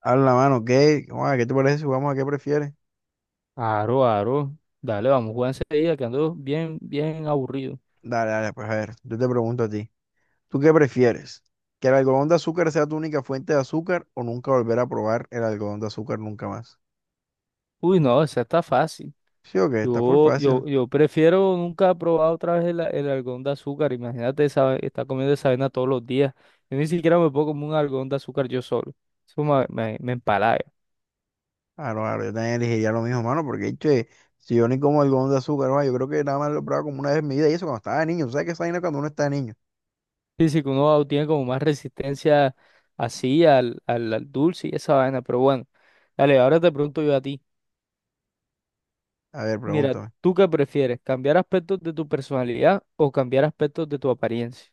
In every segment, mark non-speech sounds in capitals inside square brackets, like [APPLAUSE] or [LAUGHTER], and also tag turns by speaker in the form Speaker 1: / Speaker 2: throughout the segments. Speaker 1: A la mano, ¿qué? ¿Cómo va? ¿Qué te parece si jugamos a qué prefieres?
Speaker 2: Aro, aro. Dale, vamos a jugar enseguida, que ando bien, bien aburrido.
Speaker 1: Dale, dale, pues a ver, yo te pregunto a ti. ¿Tú qué prefieres? ¿Que el algodón de azúcar sea tu única fuente de azúcar o nunca volver a probar el algodón de azúcar nunca más?
Speaker 2: Uy, no, esa está fácil.
Speaker 1: Sí o qué, está full
Speaker 2: Yo,
Speaker 1: fácil.
Speaker 2: yo, yo prefiero nunca probar otra vez el algodón de azúcar. Imagínate esa, estar comiendo esa vaina todos los días. Yo ni siquiera me puedo comer un algodón de azúcar yo solo. Eso me empalaga.
Speaker 1: Claro, claro, yo también elegiría lo mismo, mano, porque che, si yo ni como algodón de azúcar, va, yo creo que nada más lo he probado como una vez en mi vida y eso cuando estaba niño. ¿Tú ¿Sabes qué es esa vaina cuando uno está niño?
Speaker 2: Sí, sí, que uno tiene como más resistencia así al dulce y esa vaina. Pero bueno, dale, ahora te pregunto yo a ti.
Speaker 1: A ver,
Speaker 2: Mira,
Speaker 1: pregúntame.
Speaker 2: ¿tú qué prefieres? ¿Cambiar aspectos de tu personalidad o cambiar aspectos de tu apariencia?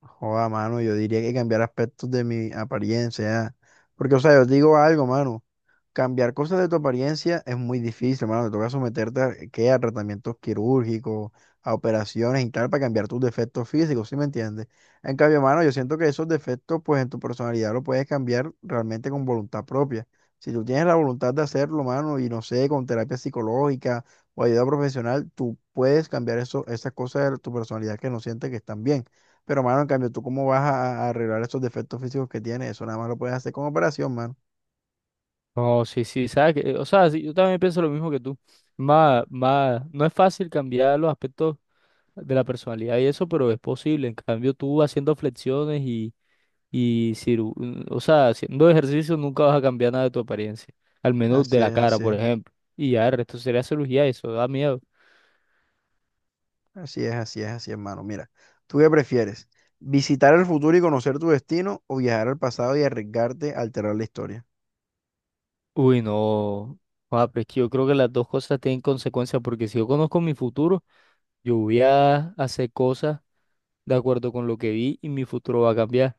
Speaker 1: Joda, mano, yo diría que cambiar aspectos de mi apariencia, porque, o sea, yo te digo algo, mano. Cambiar cosas de tu apariencia es muy difícil, hermano. Te toca someterte a, ¿qué? A tratamientos quirúrgicos, a operaciones y tal, para cambiar tus defectos físicos, ¿sí me entiendes? En cambio, hermano, yo siento que esos defectos, pues en tu personalidad lo puedes cambiar realmente con voluntad propia. Si tú tienes la voluntad de hacerlo, hermano, y no sé, con terapia psicológica o ayuda profesional, tú puedes cambiar eso, esas cosas de tu personalidad que no sientes que están bien. Pero, hermano, en cambio, ¿tú cómo vas a arreglar esos defectos físicos que tienes? Eso nada más lo puedes hacer con operación, mano.
Speaker 2: No, sí, sí, sabes que, o sea, sí, yo también pienso lo mismo que tú. Más, no es fácil cambiar los aspectos de la personalidad y eso, pero es posible. En cambio, tú haciendo flexiones y o sea, haciendo ejercicio nunca vas a cambiar nada de tu apariencia. Al menos de
Speaker 1: Así
Speaker 2: la
Speaker 1: es,
Speaker 2: cara,
Speaker 1: así
Speaker 2: por
Speaker 1: es.
Speaker 2: ejemplo. Y ya, el resto sería cirugía, y eso da miedo.
Speaker 1: Así es, así es, así es, hermano. Mira, ¿tú qué prefieres? ¿Visitar el futuro y conocer tu destino o viajar al pasado y arriesgarte a alterar la historia?
Speaker 2: Uy, no. Ah, pero es que yo creo que las dos cosas tienen consecuencias, porque si yo conozco mi futuro, yo voy a hacer cosas de acuerdo con lo que vi y mi futuro va a cambiar.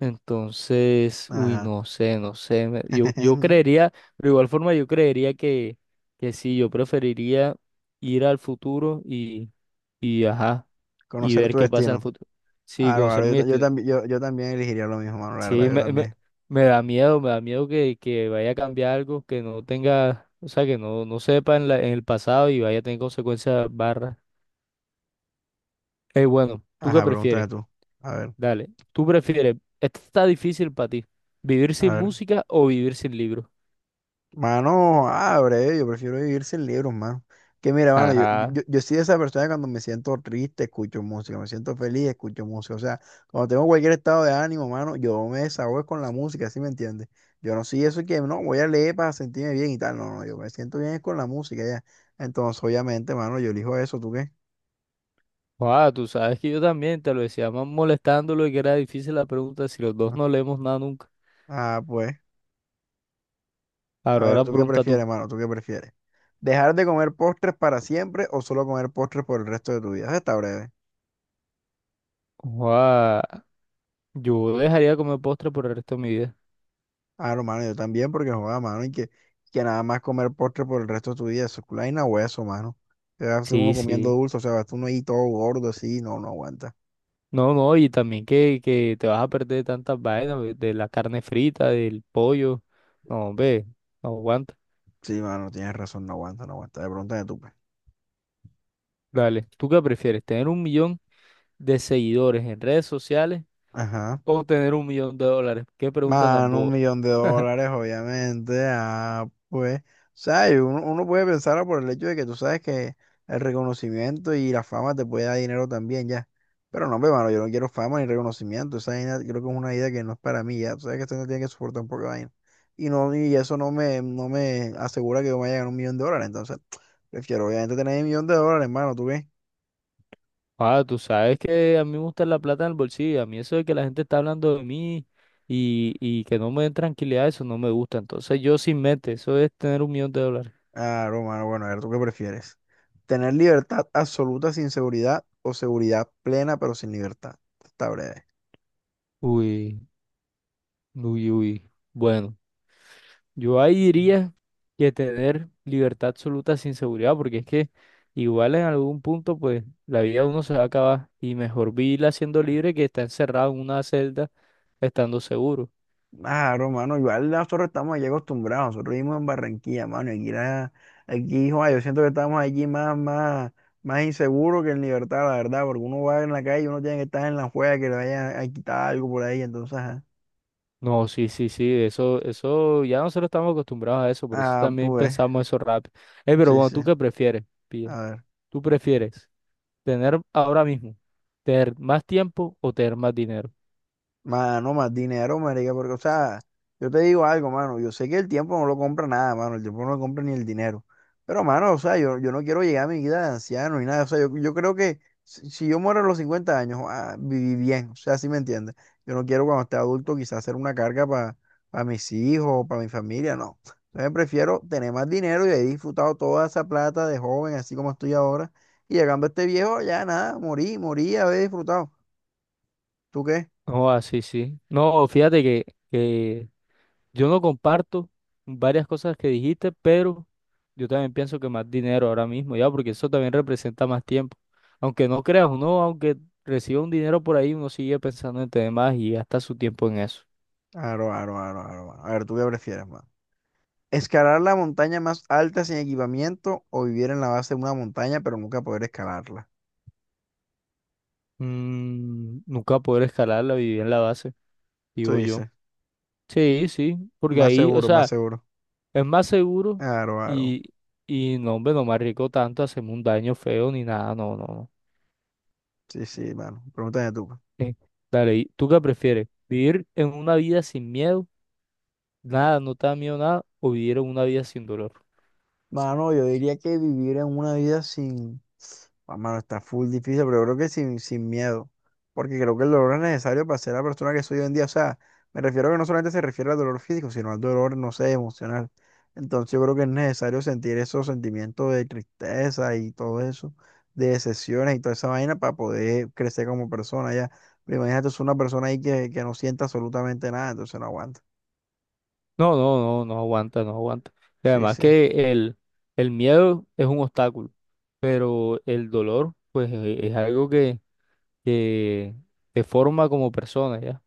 Speaker 2: Entonces,
Speaker 1: Ajá.
Speaker 2: no sé, no sé. Yo
Speaker 1: [LAUGHS]
Speaker 2: creería, pero de igual forma yo creería que, sí, yo preferiría ir al futuro y ajá, y
Speaker 1: Conocer
Speaker 2: ver
Speaker 1: tu
Speaker 2: qué pasa en el
Speaker 1: destino.
Speaker 2: futuro. Sí,
Speaker 1: Claro,
Speaker 2: conocer
Speaker 1: claro,
Speaker 2: mi
Speaker 1: yo
Speaker 2: destino.
Speaker 1: también, yo también elegiría lo mismo, mano. La
Speaker 2: Sí,
Speaker 1: verdad, yo
Speaker 2: me, me,
Speaker 1: también.
Speaker 2: me da miedo, me da miedo que vaya a cambiar algo, que no tenga, o sea, que no sepa en la- en el pasado y vaya a tener consecuencias barras. Bueno, ¿tú qué
Speaker 1: Ajá, pregúntame
Speaker 2: prefieres?
Speaker 1: tú. A ver,
Speaker 2: Dale, ¿tú prefieres? Esto está difícil para ti. ¿Vivir
Speaker 1: a
Speaker 2: sin
Speaker 1: ver.
Speaker 2: música o vivir sin libros?
Speaker 1: Mano, abre, yo prefiero vivir sin libros, mano. Que mira, mano, yo,
Speaker 2: Ajá.
Speaker 1: yo, yo soy esa persona que cuando me siento triste, escucho música, me siento feliz, escucho música. O sea, cuando tengo cualquier estado de ánimo, mano, yo me desahogo con la música, ¿sí me entiendes? Yo no soy eso que no voy a leer para sentirme bien y tal. No, no, yo me siento bien es con la música ya. Entonces, obviamente, mano, yo elijo eso. ¿Tú qué?
Speaker 2: Ah, tú sabes que yo también te lo decía más molestándolo y que era difícil la pregunta si los dos no
Speaker 1: [LAUGHS]
Speaker 2: leemos nada nunca.
Speaker 1: Ah, pues, a
Speaker 2: Ahora,
Speaker 1: ver,
Speaker 2: ahora
Speaker 1: ¿tú qué
Speaker 2: pregunta
Speaker 1: prefieres,
Speaker 2: tú.
Speaker 1: mano? ¿Tú qué prefieres? ¿Dejar de comer postres para siempre o solo comer postres por el resto de tu vida? Eso está breve.
Speaker 2: Ah, yo dejaría de comer postre por el resto de mi vida.
Speaker 1: Claro, mano, yo también, porque joda, mano, y que nada más comer postre por el resto de tu vida, eso es vaina hueso, mano. Te vas uno
Speaker 2: Sí,
Speaker 1: comiendo
Speaker 2: sí.
Speaker 1: dulce, o sea, vas uno ahí todo gordo así, no, no aguanta.
Speaker 2: No, no, y también que te vas a perder de tantas vainas, ve, de la carne frita, del pollo. No, ve, no aguanta.
Speaker 1: Sí, mano, tienes razón, no aguanta, no aguanta. De pronto de tu.
Speaker 2: Dale, ¿tú qué prefieres? ¿Tener 1 millón de seguidores en redes sociales
Speaker 1: Ajá.
Speaker 2: o tener 1 millón de dólares? Qué pregunta tan
Speaker 1: Mano, un
Speaker 2: boba.
Speaker 1: millón de
Speaker 2: [LAUGHS]
Speaker 1: dólares, obviamente. Ah, pues, o sea, y uno puede pensar por el hecho de que tú sabes que el reconocimiento y la fama te puede dar dinero también, ya. Pero no, hermano, yo no quiero fama ni reconocimiento. Esa vaina creo que es una idea que no es para mí, ya. Tú sabes que esto no tiene que soportar un poco de vaina. Y, no, y eso no me asegura que yo me vaya a ganar 1 millón de dólares. Entonces, [TSK] prefiero obviamente tener 1 millón de dólares, hermano. ¿Tú qué?
Speaker 2: Ah, tú sabes que a mí me gusta la plata en el bolsillo. A mí eso de que la gente está hablando de mí y que no me den tranquilidad, eso no me gusta. Entonces yo sin mente, eso es tener 1 millón de dólares.
Speaker 1: Ah, romano, bueno, a ver, ¿tú qué prefieres? ¿Tener libertad absoluta sin seguridad o seguridad plena pero sin libertad? Está breve.
Speaker 2: Uy, uy, uy. Bueno, yo ahí diría que tener libertad absoluta sin seguridad, porque es que igual en algún punto, pues la vida de uno se va a acabar y mejor vivirla siendo libre que estar encerrado en una celda estando seguro.
Speaker 1: Ah, romano, igual nosotros estamos allí acostumbrados, nosotros vivimos en Barranquilla, mano, y aquí, aquí joa, yo siento que estamos allí más inseguros que en libertad, la verdad, porque uno va en la calle y uno tiene que estar en la juega que le vayan a quitar algo por ahí, entonces, ajá.
Speaker 2: No, sí, sí, sí, eso, ya nosotros estamos acostumbrados a eso, por eso
Speaker 1: Ah,
Speaker 2: también
Speaker 1: pues,
Speaker 2: pensamos eso rápido. Pero
Speaker 1: sí,
Speaker 2: bueno,
Speaker 1: sí,
Speaker 2: ¿tú qué prefieres, pilla?
Speaker 1: a ver.
Speaker 2: ¿Tú prefieres tener ahora mismo, tener más tiempo o tener más dinero?
Speaker 1: Mano, más dinero, marica, porque, o sea, yo te digo algo, mano, yo sé que el tiempo no lo compra nada, mano, el tiempo no lo compra ni el dinero, pero, mano, o sea, yo no quiero llegar a mi vida de anciano ni nada, o sea, yo creo que si yo muero a los 50 años, ah, viví bien, o sea, ¿si me entiendes? Yo no quiero cuando esté adulto quizás ser una carga para mis hijos, para mi familia, no. Entonces prefiero tener más dinero y haber disfrutado toda esa plata de joven, así como estoy ahora, y llegando a este viejo, ya nada, morí, morí, haber disfrutado. ¿Tú qué?
Speaker 2: No, así, sí. Sí. No, fíjate que, yo no comparto varias cosas que dijiste, pero yo también pienso que más dinero ahora mismo, ya, porque eso también representa más tiempo. Aunque no creas, uno, aunque reciba un dinero por ahí, uno sigue pensando en tener más y gasta su tiempo en eso.
Speaker 1: Aro, aro, aro, aro, mano. A ver, ¿tú qué prefieres, mano? ¿Escalar la montaña más alta sin equipamiento o vivir en la base de una montaña pero nunca poder escalarla?
Speaker 2: Nunca poder escalar la viví en la base,
Speaker 1: Tú
Speaker 2: digo yo.
Speaker 1: dices,
Speaker 2: Sí, sí, porque
Speaker 1: más
Speaker 2: ahí, o
Speaker 1: seguro, más
Speaker 2: sea,
Speaker 1: seguro.
Speaker 2: es más seguro
Speaker 1: Aro, aro.
Speaker 2: y, y no, hombre, no me arriesgo tanto a hacerme un daño feo ni nada, no, no, no.
Speaker 1: Sí, sí, mano. Pregúntame tú, pues.
Speaker 2: Sí. Dale, ¿tú qué prefieres? ¿Vivir en una vida sin miedo? Nada, no te da miedo nada, o vivir en una vida sin dolor.
Speaker 1: Mano, yo diría que vivir en una vida sin. Ah, mano, está full difícil, pero creo que sin miedo, porque creo que el dolor es necesario para ser la persona que soy hoy en día. O sea, me refiero a que no solamente se refiere al dolor físico, sino al dolor, no sé, emocional. Entonces yo creo que es necesario sentir esos sentimientos de tristeza y todo eso, de decepciones y toda esa vaina para poder crecer como persona ya. Pero imagínate, es una persona ahí que no sienta absolutamente nada, entonces no aguanta.
Speaker 2: No, no, no, no aguanta, no aguanta. Y
Speaker 1: Sí,
Speaker 2: además
Speaker 1: sí.
Speaker 2: que el miedo es un obstáculo, pero el dolor, pues, es algo que te forma como persona, ¿ya?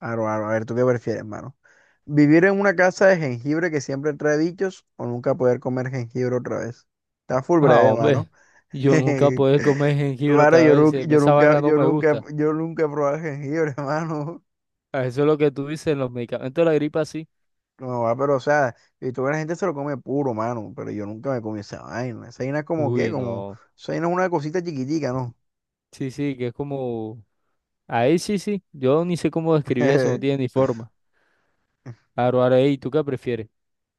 Speaker 1: Aro, aro, a ver, ¿tú qué prefieres, hermano? ¿Vivir en una casa de jengibre que siempre trae bichos o nunca poder comer jengibre otra vez? Está full
Speaker 2: Ah,
Speaker 1: breve,
Speaker 2: hombre,
Speaker 1: mano.
Speaker 2: yo nunca
Speaker 1: [LAUGHS]
Speaker 2: podré comer jengibre
Speaker 1: Mano,
Speaker 2: otra
Speaker 1: yo
Speaker 2: vez.
Speaker 1: nunca,
Speaker 2: Si a mí
Speaker 1: yo
Speaker 2: esa
Speaker 1: nunca,
Speaker 2: vaina no
Speaker 1: yo
Speaker 2: me
Speaker 1: nunca,
Speaker 2: gusta.
Speaker 1: yo nunca he probado jengibre, [LAUGHS] mano.
Speaker 2: Ah, eso es lo que tú dices los medicamentos de la gripa, sí.
Speaker 1: No, va, pero o sea, y toda la gente se lo come puro, mano, pero yo nunca me comí esa vaina. Esa vaina es como qué,
Speaker 2: Uy,
Speaker 1: como,
Speaker 2: no.
Speaker 1: esa vaina es una cosita chiquitica, ¿no?
Speaker 2: Sí, sí, que es como. Ahí sí, sí. Yo ni sé cómo describir eso, no tiene
Speaker 1: [LAUGHS]
Speaker 2: ni forma. Ahora, ey, ¿tú qué prefieres?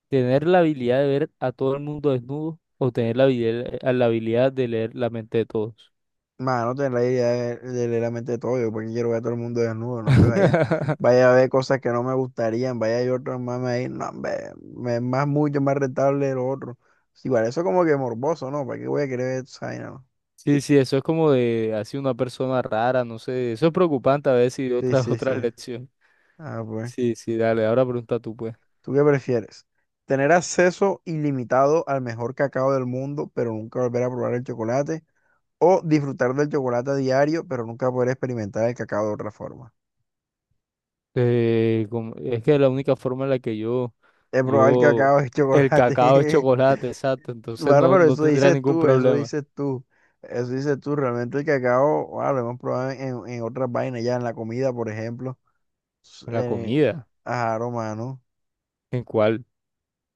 Speaker 2: ¿Tener la habilidad de ver a todo el mundo desnudo o tener la habilidad de leer la mente de todos?
Speaker 1: Mano, tener la idea de leer la mente de todo. Yo porque quiero ver a todo el mundo desnudo, no hombre, vaya,
Speaker 2: [LAUGHS]
Speaker 1: vaya a ver cosas que no me gustarían, vaya yo otros mames ahí, no hombre, me es más mucho más rentable lo otro. Sí, igual eso como que morboso, ¿no? ¿Para qué voy a querer ver esa vaina, no?
Speaker 2: Sí, sí, eso es como de así una persona rara, no sé. Eso es preocupante a veces y
Speaker 1: Sí,
Speaker 2: otra, [LAUGHS]
Speaker 1: sí, sí.
Speaker 2: otra lección.
Speaker 1: Ah, pues.
Speaker 2: Sí, sí, dale, ahora pregunta tú, pues.
Speaker 1: ¿Tú qué prefieres? ¿Tener acceso ilimitado al mejor cacao del mundo, pero nunca volver a probar el chocolate? ¿O disfrutar del chocolate a diario, pero nunca poder experimentar el cacao de otra forma?
Speaker 2: Es que la única forma en la que
Speaker 1: He probado el
Speaker 2: yo,
Speaker 1: cacao y el [LAUGHS]
Speaker 2: el cacao es
Speaker 1: chocolate.
Speaker 2: chocolate, exacto, entonces
Speaker 1: Bueno,
Speaker 2: no,
Speaker 1: pero
Speaker 2: no
Speaker 1: eso
Speaker 2: tendría
Speaker 1: dices
Speaker 2: ningún
Speaker 1: tú, eso
Speaker 2: problema.
Speaker 1: dices tú, eso dices tú. Realmente el cacao, wow, lo hemos probado en otras vainas, ya en la comida, por ejemplo. S-
Speaker 2: La
Speaker 1: Eh,
Speaker 2: comida,
Speaker 1: ajá, no, mano.
Speaker 2: ¿en cuál?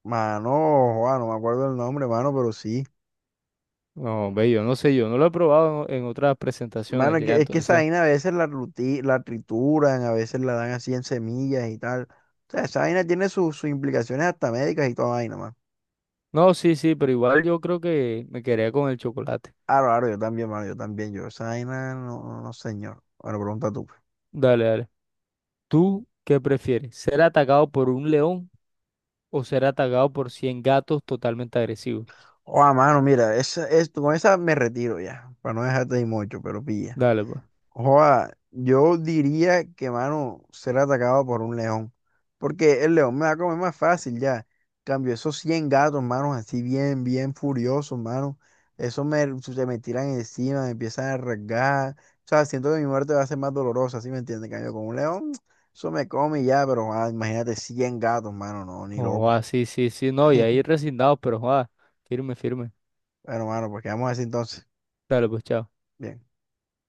Speaker 1: Mano, joa, no me acuerdo el nombre, mano, pero sí.
Speaker 2: No, ve, yo no sé, yo no lo he probado en otras
Speaker 1: Mano,
Speaker 2: presentaciones
Speaker 1: es
Speaker 2: ya,
Speaker 1: que, es que esa
Speaker 2: entonces.
Speaker 1: vaina a veces la trituran, a veces la dan así en semillas y tal. O sea, esa vaina tiene sus implicaciones hasta médicas y toda vaina, mano.
Speaker 2: No, sí, sí, pero igual yo creo que me quedaría con el chocolate.
Speaker 1: Claro, claro, yo también, mano, yo también, yo. Esa vaina, no, no, no, señor. Bueno, pregunta tú.
Speaker 2: Dale, dale. ¿Tú qué prefieres? ¿Ser atacado por un león o ser atacado por 100 gatos totalmente agresivos?
Speaker 1: Oa, mano, mira, con esa me retiro ya, para no dejarte ahí mucho, pero pilla.
Speaker 2: Dale, pues.
Speaker 1: Oa, yo diría que, mano, ser atacado por un león, porque el león me va a comer más fácil ya. Cambio esos 100 gatos, mano, así bien, bien furiosos, mano. Se me tiran encima, me empiezan a rasgar. O sea, siento que mi muerte va a ser más dolorosa, ¿sí me entiendes? Cambio con un león, eso me come y ya, pero imagínate 100 gatos, mano, no, ni
Speaker 2: Oh,
Speaker 1: loco.
Speaker 2: ah, sí, sí, sí, no, y ahí
Speaker 1: [LAUGHS]
Speaker 2: resignados, pero joder, firme, firme.
Speaker 1: Bueno, mano, pues quedamos así entonces.
Speaker 2: Dale, pues, chao.
Speaker 1: Bien.